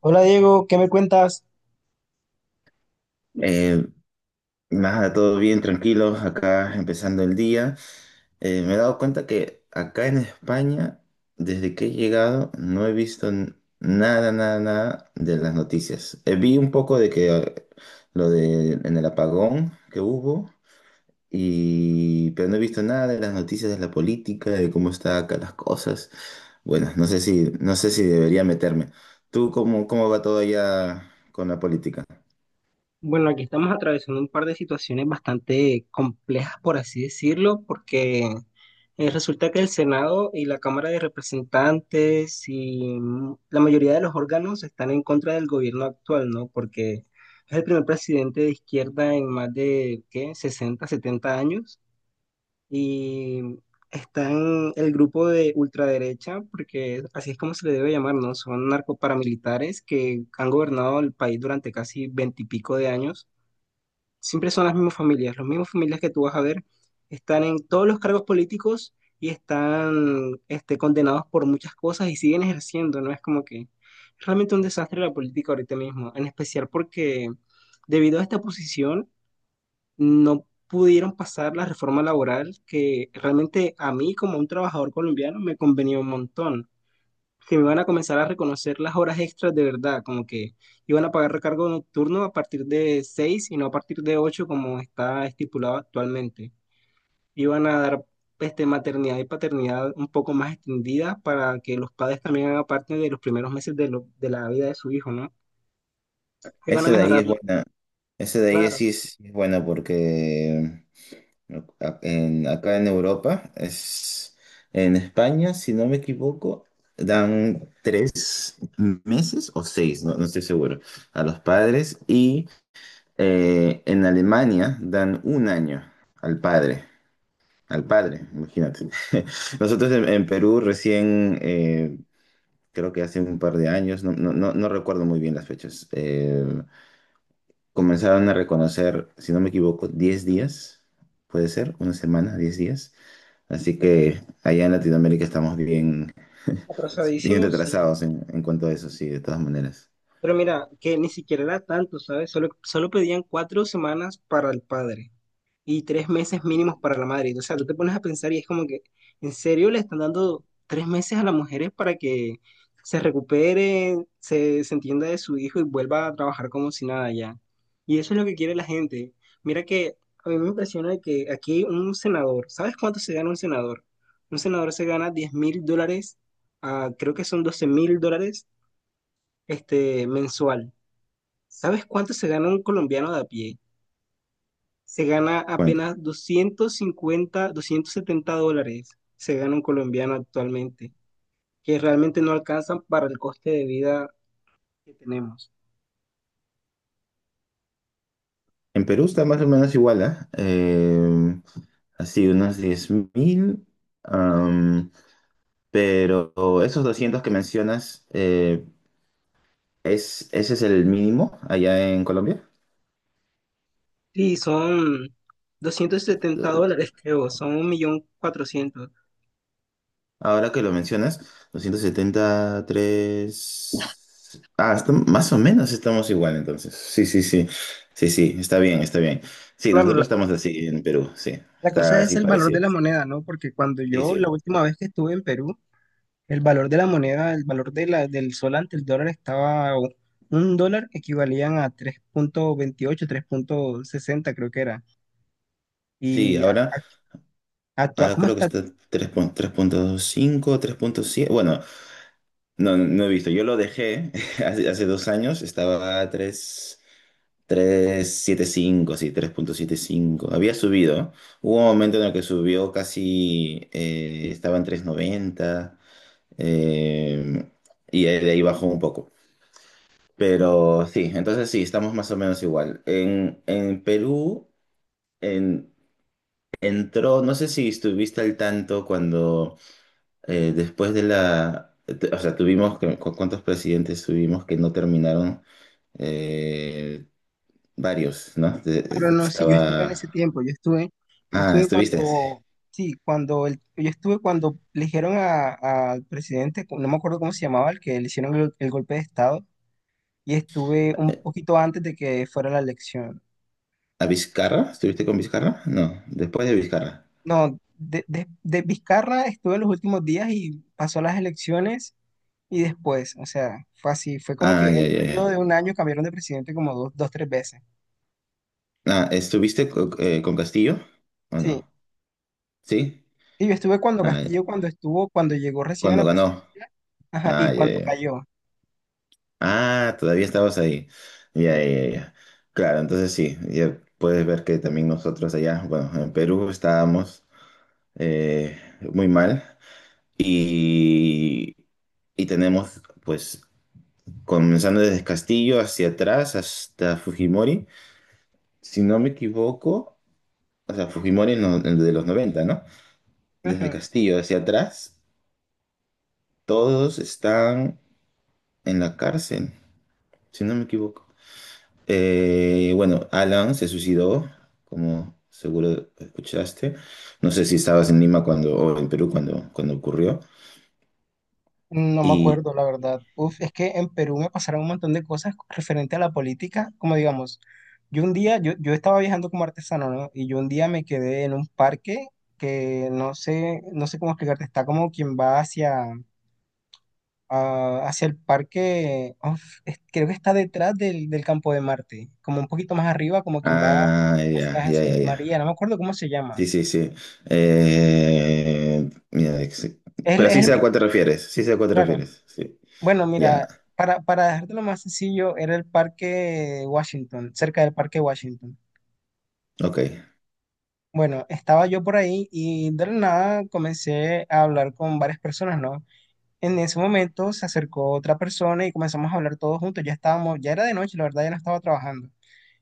Hola Diego, ¿qué me cuentas? Eh, Nada, todo bien, tranquilos, acá empezando el día. Me he dado cuenta que acá en España, desde que he llegado, no he visto nada, nada, nada de las noticias. Vi un poco de que lo de en el apagón que hubo, pero no he visto nada de las noticias de la política, de cómo están acá las cosas. Bueno, no sé si debería meterme. ¿Tú cómo va todo allá con la política? Bueno, aquí estamos atravesando un par de situaciones bastante complejas, por así decirlo, porque resulta que el Senado y la Cámara de Representantes y la mayoría de los órganos están en contra del gobierno actual, ¿no? Porque es el primer presidente de izquierda en más de, ¿qué?, 60, 70 años. Y están el grupo de ultraderecha, porque así es como se le debe llamar, ¿no? Son narcoparamilitares que han gobernado el país durante casi veintipico de años. Siempre son las mismas familias que tú vas a ver están en todos los cargos políticos y están condenados por muchas cosas y siguen ejerciendo, ¿no? Es como que es realmente un desastre la política ahorita mismo, en especial porque debido a esta posición no pudieron pasar la reforma laboral que realmente a mí como un trabajador colombiano me convenía un montón. Que me iban a comenzar a reconocer las horas extras de verdad, como que iban a pagar recargo nocturno a partir de 6 y no a partir de 8 como está estipulado actualmente. Iban a dar maternidad y paternidad un poco más extendida para que los padres también hagan parte de los primeros meses de la vida de su hijo, ¿no? Iban a Ese de ahí mejorar, es buena. Ese de ahí claro. Sí es buena porque acá en Europa, en España, si no me equivoco, dan 3 meses o seis, no, no estoy seguro, a los padres y en Alemania dan un año al padre. Al padre, imagínate. Nosotros en Perú recién, creo que hace un par de años, no, no, no, no recuerdo muy bien las fechas, comenzaron a reconocer, si no me equivoco, 10 días, puede ser, una semana, 10 días. Así que allá en Latinoamérica estamos bien, bien Atrasadísimo, sí. retrasados en cuanto a eso, sí, de todas maneras. Pero mira, que ni siquiera era tanto, ¿sabes? Solo pedían 4 semanas para el padre y 3 meses mínimos para la madre. O sea, tú te pones a pensar y es como que, ¿en serio le están dando 3 meses a las mujeres para que se recupere, se entienda de su hijo y vuelva a trabajar como si nada ya? Y eso es lo que quiere la gente. Mira que a mí me impresiona que aquí un senador, ¿sabes cuánto se gana un senador? Un senador se gana $10.000, ah, creo que son $12.000 mensual. ¿Sabes cuánto se gana un colombiano de a pie? Se gana Bueno, apenas 250, $270. Se gana un colombiano actualmente, que realmente no alcanzan para el coste de vida que tenemos. en Perú está más o menos igual, ¿ah? Así, unos 10.000, am, pero esos 200 que mencionas, ese es el mínimo allá en Colombia? Sí, son $270, creo, son 1.400.000. Ahora que lo mencionas, 273. Ah, más o menos estamos igual entonces. Sí, sí, sí. Sí, sí, está bien, está bien. Sí, Claro, nosotros estamos así en Perú, sí. la cosa Está es así el valor de la parecido. moneda, ¿no? Porque cuando Sí, yo, la sí. última vez que estuve en Perú. El valor de la moneda, el valor de del sol ante el dólar estaba. O un dólar equivalían a 3,28, 3,60 creo que era. Sí, Y a- ahora, a- ¿Cómo creo que está? está tres punto 3.7. Bueno, no he visto. Yo lo dejé hace 2 años, estaba a 3. 375, sí, 3.75. Había subido, ¿no? Hubo un momento en el que subió casi, estaba en 3.90, eh, de ahí bajó un poco. Pero sí, entonces sí, estamos más o menos igual. En Perú en- entró, no sé si estuviste al tanto cuando después de la, te- o sea, cuántos presidentes tuvimos que no terminaron? Eh, varios, ¿no? Pero no, si yo estuve en Estaba. ese tiempo, yo Ah, estuve estuviste. cuando, sí, cuando, yo estuve cuando eligieron al presidente, no me acuerdo cómo se llamaba, el que le hicieron el golpe de estado, y estuve un poquito antes de que fuera la elección. ¿A Vizcarra? ¿Estuviste con Vizcarra? No, después de Vizcarra. No, de Vizcarra estuve en los últimos días y pasó las elecciones. Y después, o sea, fue así, fue como que Ah, en ya, un ya, periodo ya. de un año cambiaron de presidente como dos, dos, tres veces. Ah, ¿estuviste con Castillo? ¿O Sí, no? ¿Sí? y yo estuve cuando Ah, ya. Castillo, cuando estuvo, cuando llegó recién a Cuando la ganó. presidencia, ajá, y Ah, ya, cuando ya. cayó. Ah, todavía estabas ahí. Ya, Sí. ya, ya. Claro, entonces sí, ya puedes ver que también nosotros allá, bueno, en Perú estábamos eh, muy mal y, y tenemos, pues, comenzando desde Castillo hacia atrás hasta Fujimori, si no me equivoco, o sea, Fujimori en en lo de los 90, ¿no? Desde Ujú. Castillo hacia atrás, todos están en la cárcel, si no me equivoco. Bueno, Alan se suicidó, como seguro escuchaste. No sé si estabas en Lima cuando, o en Perú cuando ocurrió. No me Y. acuerdo, la verdad. Uf, es que en Perú me pasaron un montón de cosas referente a la política, como digamos, yo un día, yo estaba viajando como artesano, ¿no? Y yo un día me quedé en un parque que no sé, no sé cómo explicarte, está como quien va hacia... ah, hacia el parque, uf, creo que está detrás del campo de Marte, como un poquito más arriba, como quien va Ah, ya, hacia ya, Jesús ya, ya. María, no me acuerdo cómo se llama. Sí, sí, sí. Mira, pero Es sí el sé mismo, a cuál te refieres, sí sé a cuál te claro. refieres, sí. Bueno, Ya, mira, para dejártelo más sencillo, era el parque Washington, cerca del parque Washington. ok. Bueno, estaba yo por ahí y de la nada comencé a hablar con varias personas, ¿no? En ese momento se acercó otra persona y comenzamos a hablar todos juntos. Ya estábamos, ya era de noche, la verdad, ya no estaba trabajando.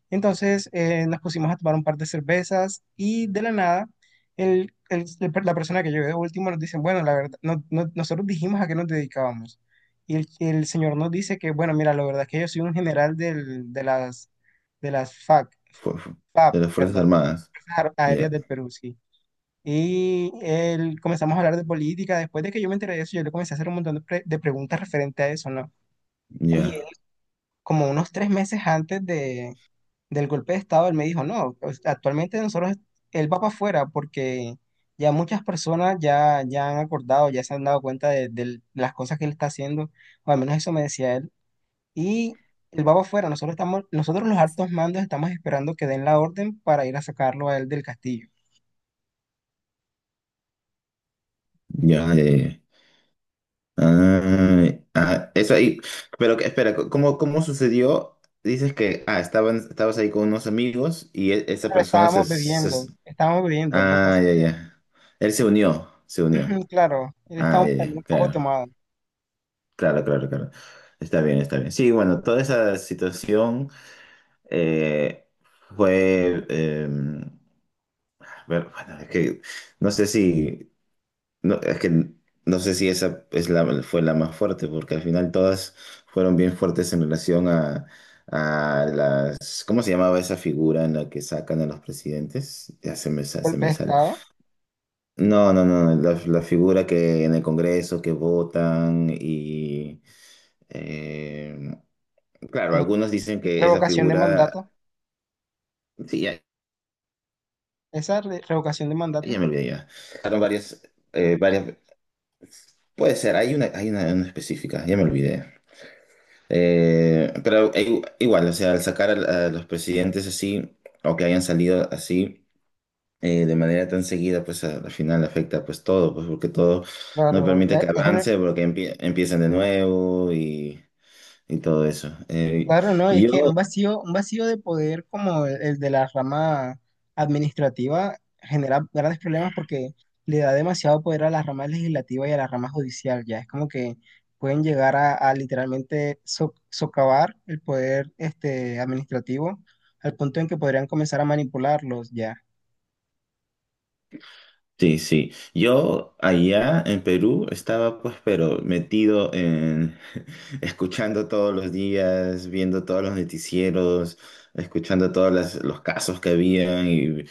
Entonces nos pusimos a tomar un par de cervezas y de la nada la persona que llegó de último nos dice, bueno, la verdad, nosotros dijimos a qué nos dedicábamos. Y el señor nos dice que, bueno, mira, la verdad es que yo soy un general de las FAC, Fu- fu- de FAP, las Fuerzas perdón, Armadas. Fuerzas Aéreas Ya, del Perú, sí. Y él, comenzamos a hablar de política. Después de que yo me enteré de eso, yo le comencé a hacer un montón de preguntas referente a eso, ¿no? Y él, ya, como unos 3 meses antes del golpe de Estado, él me dijo, no, pues, actualmente nosotros, él va para afuera porque ya muchas personas ya han acordado, ya se han dado cuenta de las cosas que él está haciendo, o al menos eso me decía él, y él va para afuera, nosotros estamos, nosotros los altos mandos estamos esperando que den la orden para ir a sacarlo a él del castillo. ya. Ah, ah, eso ahí. Pero espera, cómo sucedió? Dices que, estabas ahí con unos amigos y esa Pero persona estábamos bebiendo, lo que Ah, pasa ya, es ya. Él se unió, se que, unió. ujú, claro, él Ah, estaba ya, ya, también un poco claro, tomado. claro, claro, claro. Está bien, está bien. Sí, bueno, toda esa situación eh, fue. A ver, bueno, es que no sé si. No, es que no sé si esa es fue la más fuerte, porque al final todas fueron bien fuertes en relación a las. ¿Cómo se llamaba esa figura en la que sacan a los presidentes? Ya se Golpe me de sale. Estado, No, no, no, no, la figura que en el Congreso que votan y. eh, claro, ¿no? algunos dicen que esa Revocación de figura. mandato, Sí, ya, revocación de mandato. ya me olvidé ya. Sacaron varias. Puede ser, hay una específica, ya me olvidé. Pero igual, o sea, al sacar los presidentes así, o que hayan salido así, de manera tan seguida, pues al final afecta pues todo, pues porque todo no Claro, permite la- que es una. avance, porque empiezan de nuevo y todo eso. Claro, no, y es que yo, un vacío de poder como el de la rama administrativa genera grandes problemas porque le da demasiado poder a la rama legislativa y a la rama judicial, ya es como que pueden llegar a literalmente socavar el poder administrativo al punto en que podrían comenzar a manipularlos, ya. Sí, sí. Yo allá en Perú estaba pues, pero metido en escuchando todos los días, viendo todos los noticieros, escuchando todos los casos que había y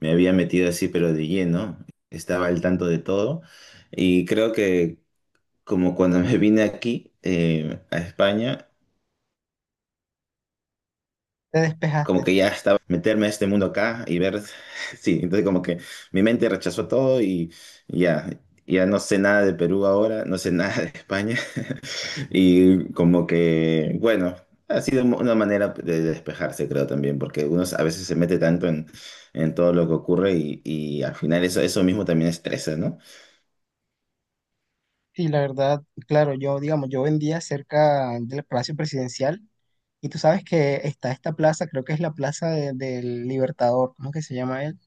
me había metido así, pero de lleno. Estaba al tanto de todo. Y creo que como cuando me vine aquí a España, Te como despejaste. que ya estaba meterme a este mundo acá y ver, sí, entonces como que mi mente rechazó todo y ya, ya no sé nada de Perú ahora, no sé nada de España y como que, bueno, ha sido una manera de despejarse creo también, porque uno a veces se mete tanto en todo lo que ocurre y al final eso mismo también estresa, ¿no? Y la verdad, claro, yo, digamos, yo vendía cerca del Palacio Presidencial y tú sabes que está esta plaza, creo que es la plaza del Libertador, ¿cómo que se llama él?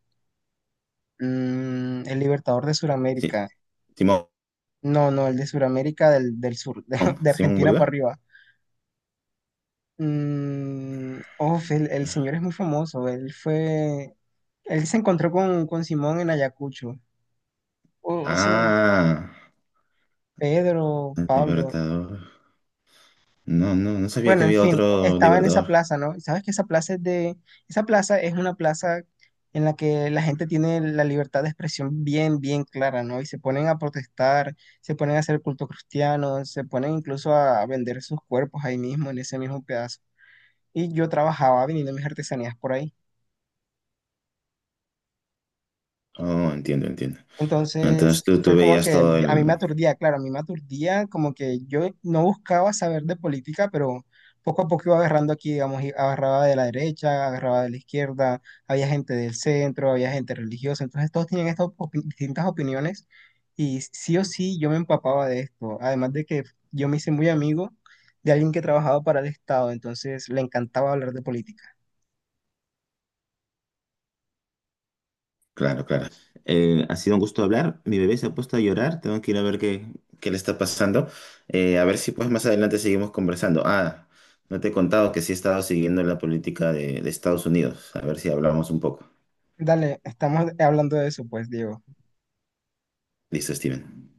El Libertador de Sí. Sudamérica. Simón, No, no, el de Sudamérica del sur, de Simón Argentina Bolívar. para arriba. El señor es muy famoso, él fue, él se encontró con Simón en Ayacucho. O o, sea, Ah, Pedro, el Pablo. Libertador. No, no, no sabía Bueno, que en había fin, otro estaba en esa Libertador. plaza, ¿no? Y sabes que esa plaza es una plaza en la que la gente tiene la libertad de expresión bien, bien clara, ¿no? Y se ponen a protestar, se ponen a hacer culto cristiano, se ponen incluso a vender sus cuerpos ahí mismo, en ese mismo pedazo. Y yo trabajaba vendiendo mis artesanías por ahí. Oh, entiendo, entiendo. Entonces Entonces tú fue como veías que todo a mí me el. aturdía, claro, a mí me aturdía, como que yo no buscaba saber de política, pero poco a poco iba agarrando aquí, digamos, y agarraba de la derecha, agarraba de la izquierda, había gente del centro, había gente religiosa, entonces todos tenían estas distintas opiniones y sí o sí yo me empapaba de esto, además de que yo me hice muy amigo de alguien que trabajaba para el Estado, entonces le encantaba hablar de política. Claro, claro. Ha sido un gusto hablar. Mi bebé se ha puesto a llorar. Tengo que ir a ver qué le está pasando. A ver si pues más adelante seguimos conversando. Ah, no te he contado que sí he estado siguiendo la política de Estados Unidos. A ver si hablamos un poco. Dale, estamos hablando de eso, pues, Diego. Listo, Steven.